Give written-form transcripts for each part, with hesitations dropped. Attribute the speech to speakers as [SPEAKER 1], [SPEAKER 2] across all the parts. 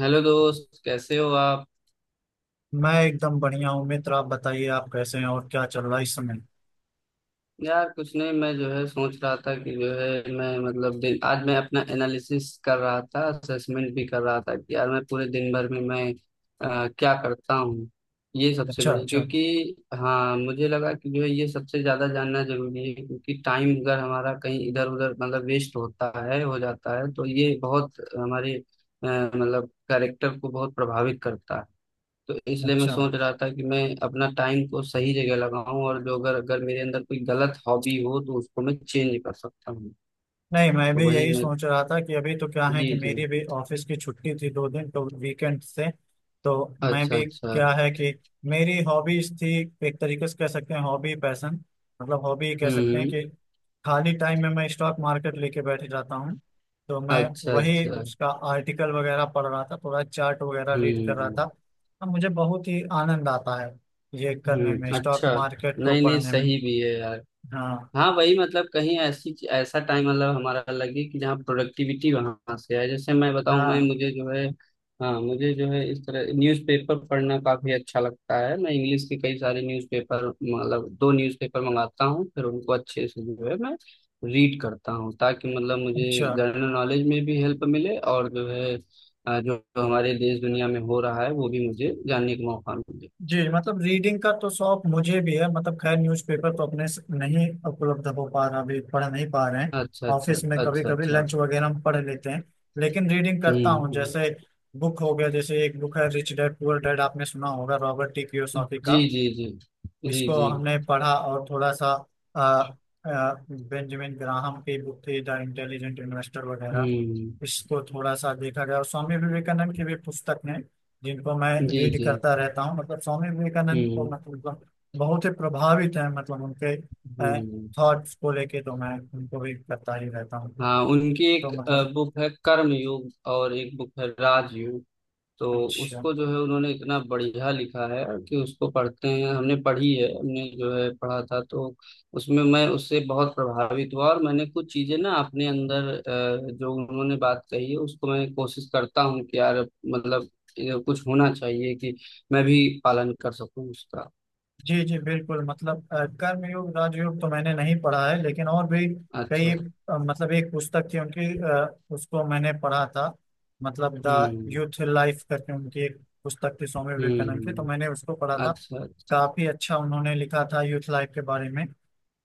[SPEAKER 1] Hello दोस्त, कैसे हो आप।
[SPEAKER 2] मैं एकदम बढ़िया हूँ मित्र। आप बताइए, आप कैसे हैं और क्या चल रहा है इस समय?
[SPEAKER 1] यार कुछ नहीं, मैं जो है सोच रहा था कि जो है मैं मतलब दिन आज मैं अपना एनालिसिस कर रहा था, असेसमेंट भी कर रहा था कि यार मैं पूरे दिन भर में मैं क्या करता हूँ। ये सबसे
[SPEAKER 2] अच्छा
[SPEAKER 1] बड़ी
[SPEAKER 2] अच्छा।
[SPEAKER 1] क्योंकि हाँ, मुझे लगा कि जो है ये सबसे ज़्यादा जानना जरूरी है, क्योंकि टाइम अगर हमारा कहीं इधर उधर मतलब वेस्ट होता है, हो जाता है, तो ये बहुत हमारे मतलब कैरेक्टर को बहुत प्रभावित करता है। तो इसलिए मैं
[SPEAKER 2] अच्छा,
[SPEAKER 1] सोच रहा था कि मैं अपना टाइम को सही जगह लगाऊं, और जो अगर अगर मेरे अंदर कोई गलत हॉबी हो तो उसको मैं चेंज कर सकता हूँ।
[SPEAKER 2] नहीं मैं
[SPEAKER 1] तो
[SPEAKER 2] भी
[SPEAKER 1] वही
[SPEAKER 2] यही
[SPEAKER 1] मैं,
[SPEAKER 2] सोच रहा था कि अभी तो क्या है
[SPEAKER 1] जी
[SPEAKER 2] कि
[SPEAKER 1] जी।
[SPEAKER 2] मेरी भी ऑफिस की छुट्टी थी दो दिन तो वीकेंड से। तो मैं
[SPEAKER 1] अच्छा
[SPEAKER 2] भी,
[SPEAKER 1] अच्छा।
[SPEAKER 2] क्या है कि मेरी हॉबीज थी, एक तरीके से कह सकते हैं हॉबी पैशन, हॉबी कह सकते हैं
[SPEAKER 1] हम्म
[SPEAKER 2] कि खाली टाइम में मैं स्टॉक मार्केट लेके बैठ जाता हूँ। तो मैं
[SPEAKER 1] अच्छा
[SPEAKER 2] वही
[SPEAKER 1] अच्छा।
[SPEAKER 2] उसका आर्टिकल वगैरह पढ़ रहा था, थोड़ा चार्ट वगैरह रीड कर रहा
[SPEAKER 1] हम्म
[SPEAKER 2] था। अब मुझे बहुत ही आनंद आता है ये करने में, स्टॉक
[SPEAKER 1] अच्छा।
[SPEAKER 2] मार्केट को
[SPEAKER 1] नहीं नहीं,
[SPEAKER 2] पढ़ने में।
[SPEAKER 1] सही भी है यार।
[SPEAKER 2] हाँ
[SPEAKER 1] हाँ, वही मतलब कहीं ऐसी ऐसा टाइम मतलब हमारा लगे कि जहाँ प्रोडक्टिविटी वहां से आए। जैसे मैं बताऊँ, मैं
[SPEAKER 2] हाँ।
[SPEAKER 1] मुझे जो है हाँ मुझे जो है इस तरह न्यूज़पेपर पढ़ना काफी अच्छा लगता है। मैं इंग्लिश के कई सारे न्यूज़पेपर मतलब दो न्यूज़पेपर मंगाता हूँ, फिर उनको अच्छे से जो है मैं रीड करता हूँ, ताकि मतलब मुझे
[SPEAKER 2] अच्छा
[SPEAKER 1] जनरल नॉलेज में भी हेल्प मिले, और जो है जो जो हमारे देश दुनिया में हो रहा है वो भी मुझे जानने का मौका मिले।
[SPEAKER 2] जी, रीडिंग का तो शौक मुझे भी है। खैर न्यूज़पेपर तो अपने से नहीं उपलब्ध हो पा रहा, अभी पढ़ नहीं पा रहे हैं।
[SPEAKER 1] अच्छा अच्छा।
[SPEAKER 2] ऑफिस में कभी
[SPEAKER 1] अच्छा
[SPEAKER 2] कभी
[SPEAKER 1] अच्छा।
[SPEAKER 2] लंच वगैरह हम पढ़ लेते हैं, लेकिन रीडिंग करता
[SPEAKER 1] हम्म
[SPEAKER 2] हूँ। जैसे
[SPEAKER 1] हम्म।
[SPEAKER 2] बुक हो गया, जैसे एक बुक है रिच डैड पुअर डैड, आपने सुना होगा, रॉबर्ट टी कियोसाकी
[SPEAKER 1] जी
[SPEAKER 2] का।
[SPEAKER 1] जी। जी जी
[SPEAKER 2] इसको
[SPEAKER 1] जी।
[SPEAKER 2] हमने पढ़ा और थोड़ा सा आ, बेंजामिन ग्राहम की बुक थी द इंटेलिजेंट इन्वेस्टर वगैरह,
[SPEAKER 1] हम्म।
[SPEAKER 2] इसको थोड़ा सा देखा गया। और स्वामी विवेकानंद की भी पुस्तक ने, जिनको मैं
[SPEAKER 1] जी
[SPEAKER 2] रीड
[SPEAKER 1] जी।
[SPEAKER 2] करता रहता हूँ। स्वामी विवेकानंद को
[SPEAKER 1] हम्म
[SPEAKER 2] बहुत ही प्रभावित है, मतलब उनके
[SPEAKER 1] हम्म।
[SPEAKER 2] थॉट्स को लेके, तो मैं उनको भी करता ही रहता हूँ।
[SPEAKER 1] हाँ, उनकी
[SPEAKER 2] तो
[SPEAKER 1] एक
[SPEAKER 2] मतलब,
[SPEAKER 1] बुक है कर्म योग, और एक बुक है राजयोग। तो
[SPEAKER 2] अच्छा।
[SPEAKER 1] उसको जो है उन्होंने इतना बढ़िया लिखा है कि उसको पढ़ते हैं, हमने पढ़ी है, हमने जो है पढ़ा था। तो उसमें मैं उससे बहुत प्रभावित हुआ, और मैंने कुछ चीजें ना अपने अंदर जो उन्होंने बात कही है, उसको मैं कोशिश करता हूँ कि यार मतलब कुछ होना चाहिए कि मैं भी पालन कर सकूँ उसका।
[SPEAKER 2] जी जी बिल्कुल, कर्मयोग राजयोग तो मैंने नहीं पढ़ा है, लेकिन और भी कई
[SPEAKER 1] अच्छा।
[SPEAKER 2] एक पुस्तक थी उनकी, उसको मैंने पढ़ा था। मतलब द
[SPEAKER 1] हम्म
[SPEAKER 2] यूथ लाइफ करके उनकी एक पुस्तक थी स्वामी विवेकानंद की, तो
[SPEAKER 1] हम्म।
[SPEAKER 2] मैंने उसको पढ़ा था।
[SPEAKER 1] अच्छा अच्छा।
[SPEAKER 2] काफी अच्छा उन्होंने लिखा था यूथ लाइफ के बारे में।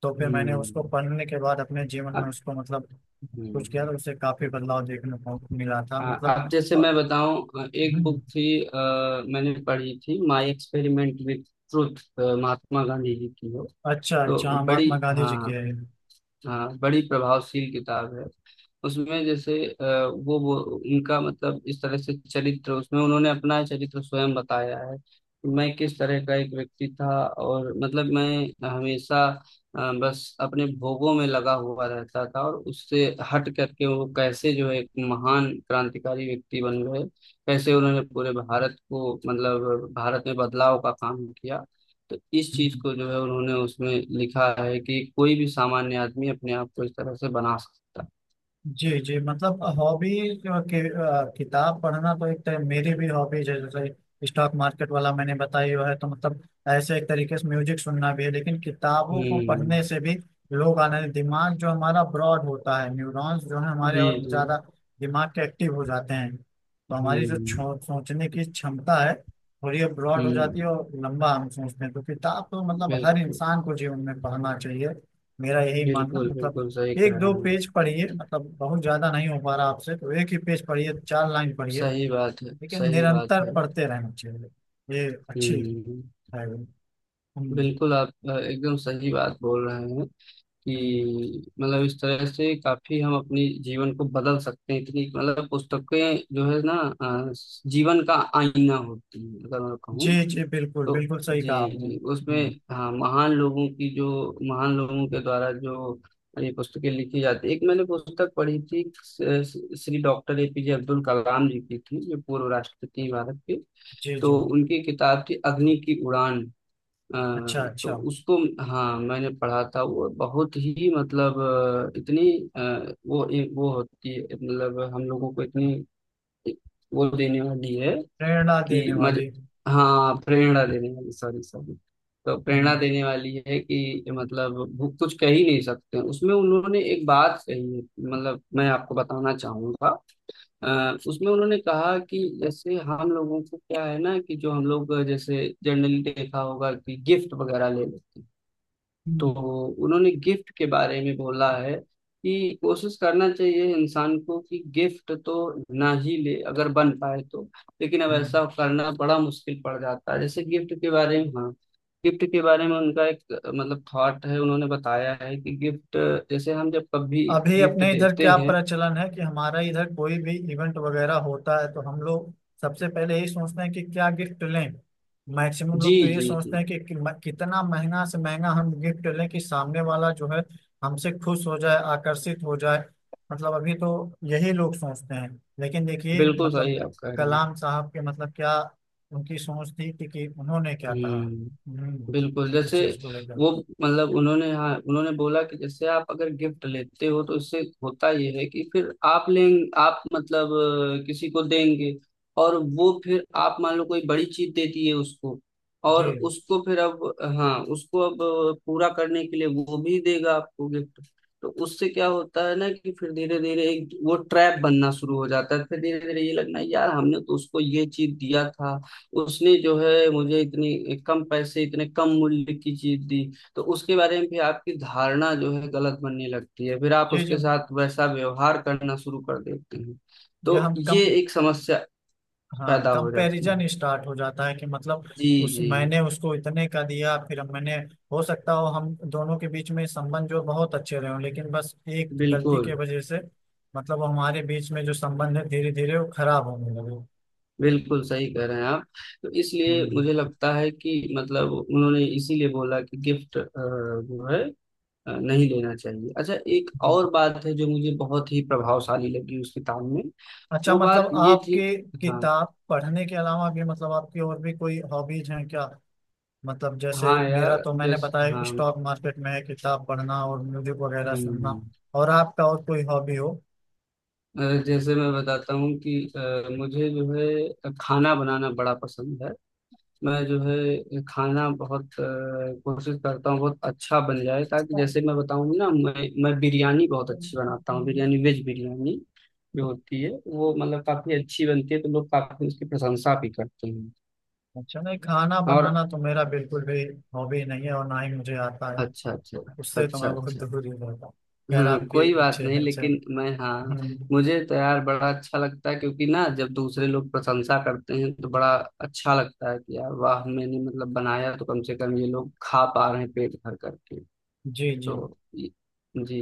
[SPEAKER 2] तो फिर मैंने उसको
[SPEAKER 1] हम्म।
[SPEAKER 2] पढ़ने के बाद अपने जीवन में
[SPEAKER 1] अब।
[SPEAKER 2] उसको, मतलब कुछ किया,
[SPEAKER 1] हम्म।
[SPEAKER 2] तो उससे काफी बदलाव देखने को मिला था। मतलब
[SPEAKER 1] अब जैसे
[SPEAKER 2] और
[SPEAKER 1] मैं बताऊं, एक
[SPEAKER 2] हम्म,
[SPEAKER 1] बुक थी मैंने पढ़ी थी, my experiment with truth, Mahatma Gandhi ji की हो।
[SPEAKER 2] अच्छा
[SPEAKER 1] तो
[SPEAKER 2] अच्छा। हाँ,
[SPEAKER 1] बड़ी
[SPEAKER 2] महात्मा गांधी जी की
[SPEAKER 1] हाँ,
[SPEAKER 2] है ये।
[SPEAKER 1] हाँ, बड़ी प्रभावशील किताब है। उसमें जैसे वो उनका मतलब इस तरह से चरित्र, उसमें उन्होंने अपना चरित्र स्वयं बताया है, कि मैं किस तरह का एक व्यक्ति था, और मतलब मैं हमेशा बस अपने भोगों में लगा हुआ रहता था, और उससे हट करके वो कैसे जो है एक महान क्रांतिकारी व्यक्ति बन गए, कैसे उन्होंने पूरे भारत को मतलब भारत में बदलाव का काम किया। तो इस चीज
[SPEAKER 2] हम्म,
[SPEAKER 1] को जो है उन्होंने उसमें लिखा है, कि कोई भी सामान्य आदमी अपने आप को इस तरह से बना सकता है।
[SPEAKER 2] जी जी। मतलब हॉबी के किताब पढ़ना तो एक तरह मेरी भी हॉबीज है, जैसे स्टॉक मार्केट वाला मैंने बताई हुआ है। तो मतलब ऐसे एक तरीके से म्यूजिक सुनना भी है, लेकिन किताबों को
[SPEAKER 1] हम्म।
[SPEAKER 2] पढ़ने से भी लोग आनंद, दिमाग जो हमारा ब्रॉड होता है, न्यूरॉन्स जो है हमारे
[SPEAKER 1] जी
[SPEAKER 2] और
[SPEAKER 1] जी।
[SPEAKER 2] ज्यादा दिमाग के एक्टिव हो जाते हैं, तो हमारी जो
[SPEAKER 1] हम्म
[SPEAKER 2] सोचने की क्षमता है थोड़ी ब्रॉड हो जाती है
[SPEAKER 1] हम्म।
[SPEAKER 2] और लंबा हम सोचते हैं। तो किताब तो मतलब हर
[SPEAKER 1] बिल्कुल
[SPEAKER 2] इंसान को जीवन में पढ़ना चाहिए, मेरा यही मानना।
[SPEAKER 1] बिल्कुल,
[SPEAKER 2] मतलब
[SPEAKER 1] बिल्कुल सही
[SPEAKER 2] एक
[SPEAKER 1] कह
[SPEAKER 2] दो
[SPEAKER 1] रहे हैं।
[SPEAKER 2] पेज पढ़िए, मतलब बहुत ज्यादा नहीं हो पा रहा आपसे तो एक ही पेज पढ़िए, चार लाइन पढ़िए,
[SPEAKER 1] सही बात है,
[SPEAKER 2] लेकिन
[SPEAKER 1] सही बात
[SPEAKER 2] निरंतर
[SPEAKER 1] है।
[SPEAKER 2] पढ़ते रहना चाहिए, ये अच्छी है।
[SPEAKER 1] हम्म।
[SPEAKER 2] हम्म,
[SPEAKER 1] बिल्कुल, आप एकदम सही बात बोल रहे हैं,
[SPEAKER 2] हम्म,
[SPEAKER 1] कि मतलब इस तरह से काफी हम अपने जीवन को बदल सकते हैं। इतनी मतलब पुस्तकें जो है ना अ, जीवन का आईना होती है, अगर मैं कहूँ
[SPEAKER 2] जी जी बिल्कुल,
[SPEAKER 1] तो।
[SPEAKER 2] बिल्कुल सही कहा
[SPEAKER 1] जी
[SPEAKER 2] आपने।
[SPEAKER 1] जी उसमें, हाँ, महान लोगों की जो, महान लोगों के द्वारा जो ये पुस्तकें लिखी जाती। एक मैंने पुस्तक पढ़ी थी, श्री डॉक्टर एपीजे अब्दुल कलाम जी की थी, जो पूर्व राष्ट्रपति हैं भारत के।
[SPEAKER 2] जी जी।
[SPEAKER 1] तो उनकी किताब थी अग्नि की उड़ान। अ,
[SPEAKER 2] अच्छा
[SPEAKER 1] तो
[SPEAKER 2] अच्छा,
[SPEAKER 1] उसको हाँ मैंने पढ़ा था। वो बहुत ही मतलब इतनी वो होती है मतलब, हम लोगों को इतनी वो देने वाली है
[SPEAKER 2] प्रेरणा देने
[SPEAKER 1] कि मज,
[SPEAKER 2] वाली।
[SPEAKER 1] हाँ प्रेरणा देने वाली, सॉरी सॉरी। तो प्रेरणा
[SPEAKER 2] हम्म,
[SPEAKER 1] देने वाली है कि मतलब वो कुछ कह ही नहीं सकते। उसमें उन्होंने एक बात कही है, मतलब मैं आपको बताना चाहूंगा। उसमें उन्होंने कहा कि जैसे हम लोगों को क्या है ना, कि जो हम लोग जैसे जनरली देखा होगा, कि गिफ्ट वगैरह ले लेते हैं। तो
[SPEAKER 2] हम्म,
[SPEAKER 1] उन्होंने गिफ्ट के बारे में बोला है, कि कोशिश करना चाहिए इंसान को कि गिफ्ट तो ना ही ले अगर बन पाए तो। लेकिन अब ऐसा
[SPEAKER 2] हम्म।
[SPEAKER 1] करना बड़ा मुश्किल पड़ जाता है। जैसे गिफ्ट के बारे में हाँ, गिफ्ट के बारे में उनका एक मतलब थॉट है, उन्होंने बताया है कि गिफ्ट जैसे हम जब कभी
[SPEAKER 2] अभी
[SPEAKER 1] गिफ्ट
[SPEAKER 2] अपने इधर
[SPEAKER 1] देते
[SPEAKER 2] क्या
[SPEAKER 1] हैं।
[SPEAKER 2] प्रचलन है कि हमारा इधर कोई भी इवेंट वगैरह होता है तो हम लोग सबसे पहले यही सोचते हैं कि क्या गिफ्ट लें। मैक्सिमम
[SPEAKER 1] जी
[SPEAKER 2] लोग तो ये
[SPEAKER 1] जी जी।
[SPEAKER 2] सोचते हैं कि कितना महंगा से महंगा हम गिफ्ट लें कि सामने वाला जो है हमसे खुश हो जाए, आकर्षित हो जाए। मतलब अभी तो यही लोग सोचते हैं। लेकिन देखिए
[SPEAKER 1] बिल्कुल
[SPEAKER 2] मतलब
[SPEAKER 1] सही आप कह रहे हैं।
[SPEAKER 2] कलाम साहब के, मतलब क्या उनकी सोच थी कि उन्होंने क्या कहा।
[SPEAKER 1] हम्म।
[SPEAKER 2] हम्म,
[SPEAKER 1] बिल्कुल,
[SPEAKER 2] इस
[SPEAKER 1] जैसे
[SPEAKER 2] चीज को लेकर।
[SPEAKER 1] वो मतलब उन्होंने हाँ उन्होंने बोला, कि जैसे आप अगर गिफ्ट लेते हो, तो इससे होता ये है कि फिर आप लें, आप मतलब किसी को देंगे, और वो फिर आप मान लो कोई बड़ी चीज देती है उसको,
[SPEAKER 2] जी
[SPEAKER 1] और उसको फिर अब हाँ उसको अब पूरा करने के लिए वो भी देगा आपको गिफ्ट। तो उससे क्या होता है ना कि फिर धीरे धीरे एक वो ट्रैप बनना शुरू हो जाता है। फिर धीरे धीरे ये लगना, यार हमने तो उसको ये चीज दिया था, उसने जो है मुझे इतनी कम पैसे, इतने कम मूल्य की चीज दी। तो उसके बारे में भी आपकी धारणा जो है गलत बनने लगती है, फिर आप
[SPEAKER 2] जी जी,
[SPEAKER 1] उसके साथ वैसा व्यवहार करना शुरू कर देते हैं।
[SPEAKER 2] ये
[SPEAKER 1] तो
[SPEAKER 2] हम कम,
[SPEAKER 1] ये एक समस्या
[SPEAKER 2] हाँ
[SPEAKER 1] पैदा हो जाती है।
[SPEAKER 2] कंपैरिजन स्टार्ट हो जाता है कि मतलब
[SPEAKER 1] जी
[SPEAKER 2] उस
[SPEAKER 1] जी,
[SPEAKER 2] मैंने उसको इतने का दिया, फिर मैंने, हो सकता हो हम दोनों के बीच में संबंध जो बहुत अच्छे रहे हों, लेकिन बस एक गलती के
[SPEAKER 1] बिल्कुल
[SPEAKER 2] वजह से मतलब हमारे बीच में जो संबंध है धीरे धीरे वो खराब होने लगे।
[SPEAKER 1] बिल्कुल, सही कह रहे हैं आप। तो इसलिए
[SPEAKER 2] हम्म,
[SPEAKER 1] मुझे लगता है कि मतलब उन्होंने इसीलिए बोला कि गिफ्ट जो है नहीं लेना चाहिए। अच्छा, एक
[SPEAKER 2] हम्म।
[SPEAKER 1] और बात है जो मुझे बहुत ही प्रभावशाली लगी उस किताब में,
[SPEAKER 2] अच्छा,
[SPEAKER 1] वो बात
[SPEAKER 2] मतलब
[SPEAKER 1] ये
[SPEAKER 2] आपके
[SPEAKER 1] थी। हाँ।
[SPEAKER 2] किताब पढ़ने के अलावा भी मतलब आपकी और भी कोई हॉबीज हैं क्या? मतलब जैसे
[SPEAKER 1] हाँ
[SPEAKER 2] मेरा
[SPEAKER 1] यार,
[SPEAKER 2] तो मैंने
[SPEAKER 1] जैसे
[SPEAKER 2] बताया
[SPEAKER 1] हाँ।
[SPEAKER 2] स्टॉक मार्केट में है, किताब पढ़ना और म्यूजिक वगैरह
[SPEAKER 1] हम्म।
[SPEAKER 2] सुनना। और आपका और कोई हॉबी हो?
[SPEAKER 1] जैसे मैं बताता हूँ कि मुझे जो है खाना बनाना बड़ा पसंद है। मैं जो है खाना बहुत कोशिश करता हूँ बहुत अच्छा बन जाए। ताकि जैसे मैं बताऊँ ना, मैं बिरयानी बहुत अच्छी बनाता हूँ, बिरयानी वेज बिरयानी जो होती है वो मतलब काफी अच्छी बनती है, तो लोग काफी उसकी प्रशंसा भी करते हैं।
[SPEAKER 2] अच्छा, नहीं खाना
[SPEAKER 1] और
[SPEAKER 2] बनाना तो मेरा बिल्कुल भी हॉबी नहीं है और ना ही मुझे आता है।
[SPEAKER 1] अच्छा अच्छा
[SPEAKER 2] तो
[SPEAKER 1] अच्छा,
[SPEAKER 2] उससे तो
[SPEAKER 1] अच्छा
[SPEAKER 2] मैं बहुत
[SPEAKER 1] अच्छा।
[SPEAKER 2] दूर ही रहता हूँ। खैर
[SPEAKER 1] हाँ
[SPEAKER 2] आपकी
[SPEAKER 1] कोई बात
[SPEAKER 2] अच्छे
[SPEAKER 1] नहीं,
[SPEAKER 2] हैं, अच्छे।
[SPEAKER 1] लेकिन मैं हाँ,
[SPEAKER 2] हम्म,
[SPEAKER 1] मुझे तो यार बड़ा अच्छा लगता है, क्योंकि ना जब दूसरे लोग प्रशंसा करते हैं तो बड़ा अच्छा लगता है, कि यार वाह, मैंने मतलब बनाया तो कम से कम ये लोग खा पा रहे हैं पेट भर करके।
[SPEAKER 2] जी जी।
[SPEAKER 1] तो ये- जी।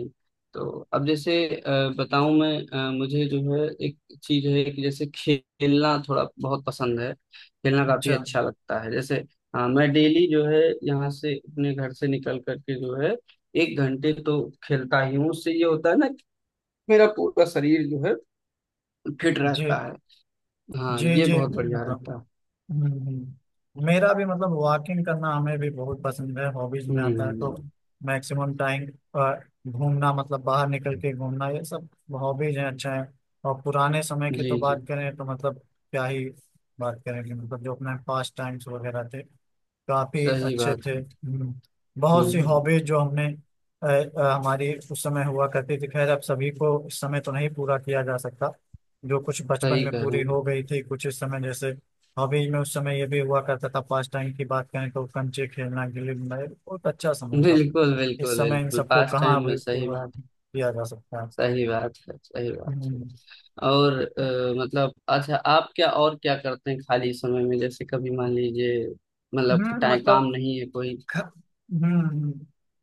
[SPEAKER 1] तो अब जैसे बताऊं मैं, मुझे जो है एक चीज है कि जैसे खेलना थोड़ा बहुत पसंद है, खेलना काफी
[SPEAKER 2] अच्छा,
[SPEAKER 1] अच्छा लगता है। जैसे मैं डेली जो है यहाँ से अपने घर से निकल करके जो है एक घंटे तो खेलता ही हूँ। उससे ये होता है ना कि मेरा पूरा शरीर जो है फिट
[SPEAKER 2] जी
[SPEAKER 1] रहता है। हाँ
[SPEAKER 2] जी
[SPEAKER 1] ये
[SPEAKER 2] जी।
[SPEAKER 1] बहुत बढ़िया
[SPEAKER 2] मतलब
[SPEAKER 1] रहता है।
[SPEAKER 2] मेरा भी मतलब वॉकिंग करना हमें भी बहुत पसंद है, हॉबीज में आता है। तो
[SPEAKER 1] हम्म।
[SPEAKER 2] मैक्सिमम टाइम घूमना, मतलब बाहर निकल के घूमना, ये सब हॉबीज हैं, अच्छा है। और पुराने समय की
[SPEAKER 1] जी
[SPEAKER 2] तो
[SPEAKER 1] जी।
[SPEAKER 2] बात करें तो मतलब क्या ही बात करेंगे। मतलब जो अपने पास टाइम्स वगैरह थे काफी
[SPEAKER 1] सही
[SPEAKER 2] अच्छे
[SPEAKER 1] बात
[SPEAKER 2] थे।
[SPEAKER 1] है।
[SPEAKER 2] बहुत सी
[SPEAKER 1] हम्म।
[SPEAKER 2] हॉबीज जो हमने हमारी उस समय हुआ करती थी। खैर अब सभी को इस समय तो नहीं पूरा किया जा सकता, जो कुछ बचपन
[SPEAKER 1] सही
[SPEAKER 2] में
[SPEAKER 1] कह रहे
[SPEAKER 2] पूरी
[SPEAKER 1] हैं।
[SPEAKER 2] हो गई थी, कुछ इस समय जैसे हॉबीज में उस समय ये भी हुआ करता था, पास टाइम की बात करें तो कंचे खेलना, गिल्ली डंडा, बहुत अच्छा समय था।
[SPEAKER 1] बिल्कुल
[SPEAKER 2] इस
[SPEAKER 1] बिल्कुल
[SPEAKER 2] समय इन
[SPEAKER 1] बिल्कुल,
[SPEAKER 2] सबको
[SPEAKER 1] पास
[SPEAKER 2] कहाँ
[SPEAKER 1] टाइम में,
[SPEAKER 2] अभी
[SPEAKER 1] सही
[SPEAKER 2] पूरा
[SPEAKER 1] बात,
[SPEAKER 2] किया जा सकता है।
[SPEAKER 1] सही बात है, सही बात है।
[SPEAKER 2] हम्म,
[SPEAKER 1] और मतलब अच्छा, आप क्या और क्या करते हैं खाली समय में, जैसे कभी मान लीजिए मतलब टाइम काम
[SPEAKER 2] मतलब
[SPEAKER 1] नहीं है कोई।
[SPEAKER 2] ख- हम्म,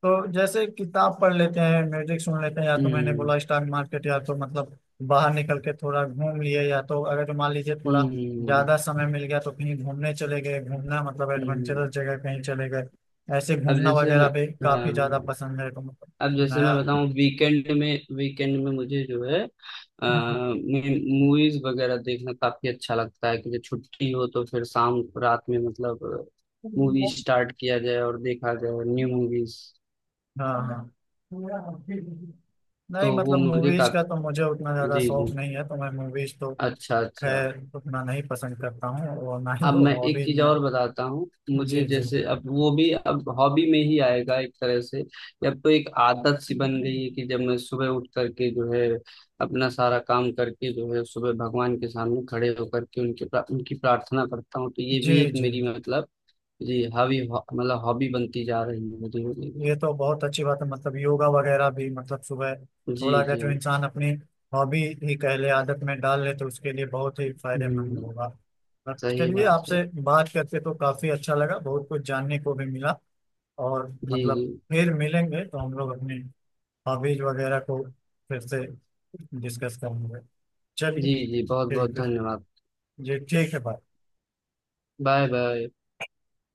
[SPEAKER 2] तो जैसे किताब पढ़ लेते हैं, म्यूजिक सुन लेते हैं, या तो मैंने
[SPEAKER 1] हम्म
[SPEAKER 2] बोला स्टॉक मार्केट, या तो मतलब बाहर निकल के थोड़ा घूम लिए, या तो अगर जो मान लीजिए थोड़ा
[SPEAKER 1] हम्म।
[SPEAKER 2] ज्यादा समय मिल गया तो कहीं घूमने चले गए, घूमना मतलब
[SPEAKER 1] हम्म।
[SPEAKER 2] एडवेंचरस जगह कहीं चले गए। ऐसे
[SPEAKER 1] अब
[SPEAKER 2] घूमना
[SPEAKER 1] जैसे मैं
[SPEAKER 2] वगैरह भी
[SPEAKER 1] हाँ,
[SPEAKER 2] काफी ज्यादा पसंद है। तो मतलब
[SPEAKER 1] अब जैसे मैं
[SPEAKER 2] नया
[SPEAKER 1] बताऊं, वीकेंड में, वीकेंड में मुझे जो है मूवीज वगैरह देखना काफी अच्छा लगता है, कि जब छुट्टी हो तो फिर शाम रात में मतलब मूवी
[SPEAKER 2] हम्म।
[SPEAKER 1] स्टार्ट किया जाए और देखा जाए न्यू मूवीज।
[SPEAKER 2] हाँ हाँ, नहीं
[SPEAKER 1] तो वो
[SPEAKER 2] मतलब
[SPEAKER 1] मुझे
[SPEAKER 2] मूवीज का तो
[SPEAKER 1] काफी
[SPEAKER 2] मुझे उतना ज्यादा
[SPEAKER 1] जी
[SPEAKER 2] शौक
[SPEAKER 1] जी,
[SPEAKER 2] नहीं है, तो मैं मूवीज तो
[SPEAKER 1] अच्छा अच्छा।
[SPEAKER 2] खैर उतना नहीं पसंद करता हूँ, और ना ही
[SPEAKER 1] अब
[SPEAKER 2] वो
[SPEAKER 1] मैं एक
[SPEAKER 2] हॉबीज
[SPEAKER 1] चीज
[SPEAKER 2] में।
[SPEAKER 1] और बताता हूँ, मुझे
[SPEAKER 2] जी जी,
[SPEAKER 1] जैसे अब वो भी अब हॉबी में ही आएगा एक तरह से। अब तो एक आदत सी बन गई है कि जब मैं सुबह उठ करके जो है अपना सारा काम करके जो है सुबह भगवान के सामने खड़े होकर के उनके उनकी प्रार्थना करता हूँ, तो ये
[SPEAKER 2] जी
[SPEAKER 1] भी एक
[SPEAKER 2] जी।
[SPEAKER 1] मेरी मतलब जी हॉबी, मतलब हॉबी बनती जा रही है धीरे धीरे।
[SPEAKER 2] ये तो बहुत अच्छी बात है, मतलब योगा वगैरह भी मतलब सुबह
[SPEAKER 1] जी
[SPEAKER 2] थोड़ा अगर
[SPEAKER 1] जी।
[SPEAKER 2] जो इंसान अपनी हॉबी ही कह ले, आदत में डाल ले, तो उसके लिए बहुत ही फायदेमंद
[SPEAKER 1] हम्म।
[SPEAKER 2] होगा। पर
[SPEAKER 1] सही
[SPEAKER 2] चलिए,
[SPEAKER 1] बात है।
[SPEAKER 2] आपसे बात करके तो काफी अच्छा लगा, बहुत कुछ जानने को भी मिला। और
[SPEAKER 1] जी जी।
[SPEAKER 2] मतलब फिर मिलेंगे तो हम लोग अपनी हॉबीज वगैरह को फिर से डिस्कस करेंगे। चलिए,
[SPEAKER 1] जी जी, बहुत बहुत
[SPEAKER 2] ठीक है।
[SPEAKER 1] धन्यवाद।
[SPEAKER 2] जी ठीक है भाई।
[SPEAKER 1] Bye bye.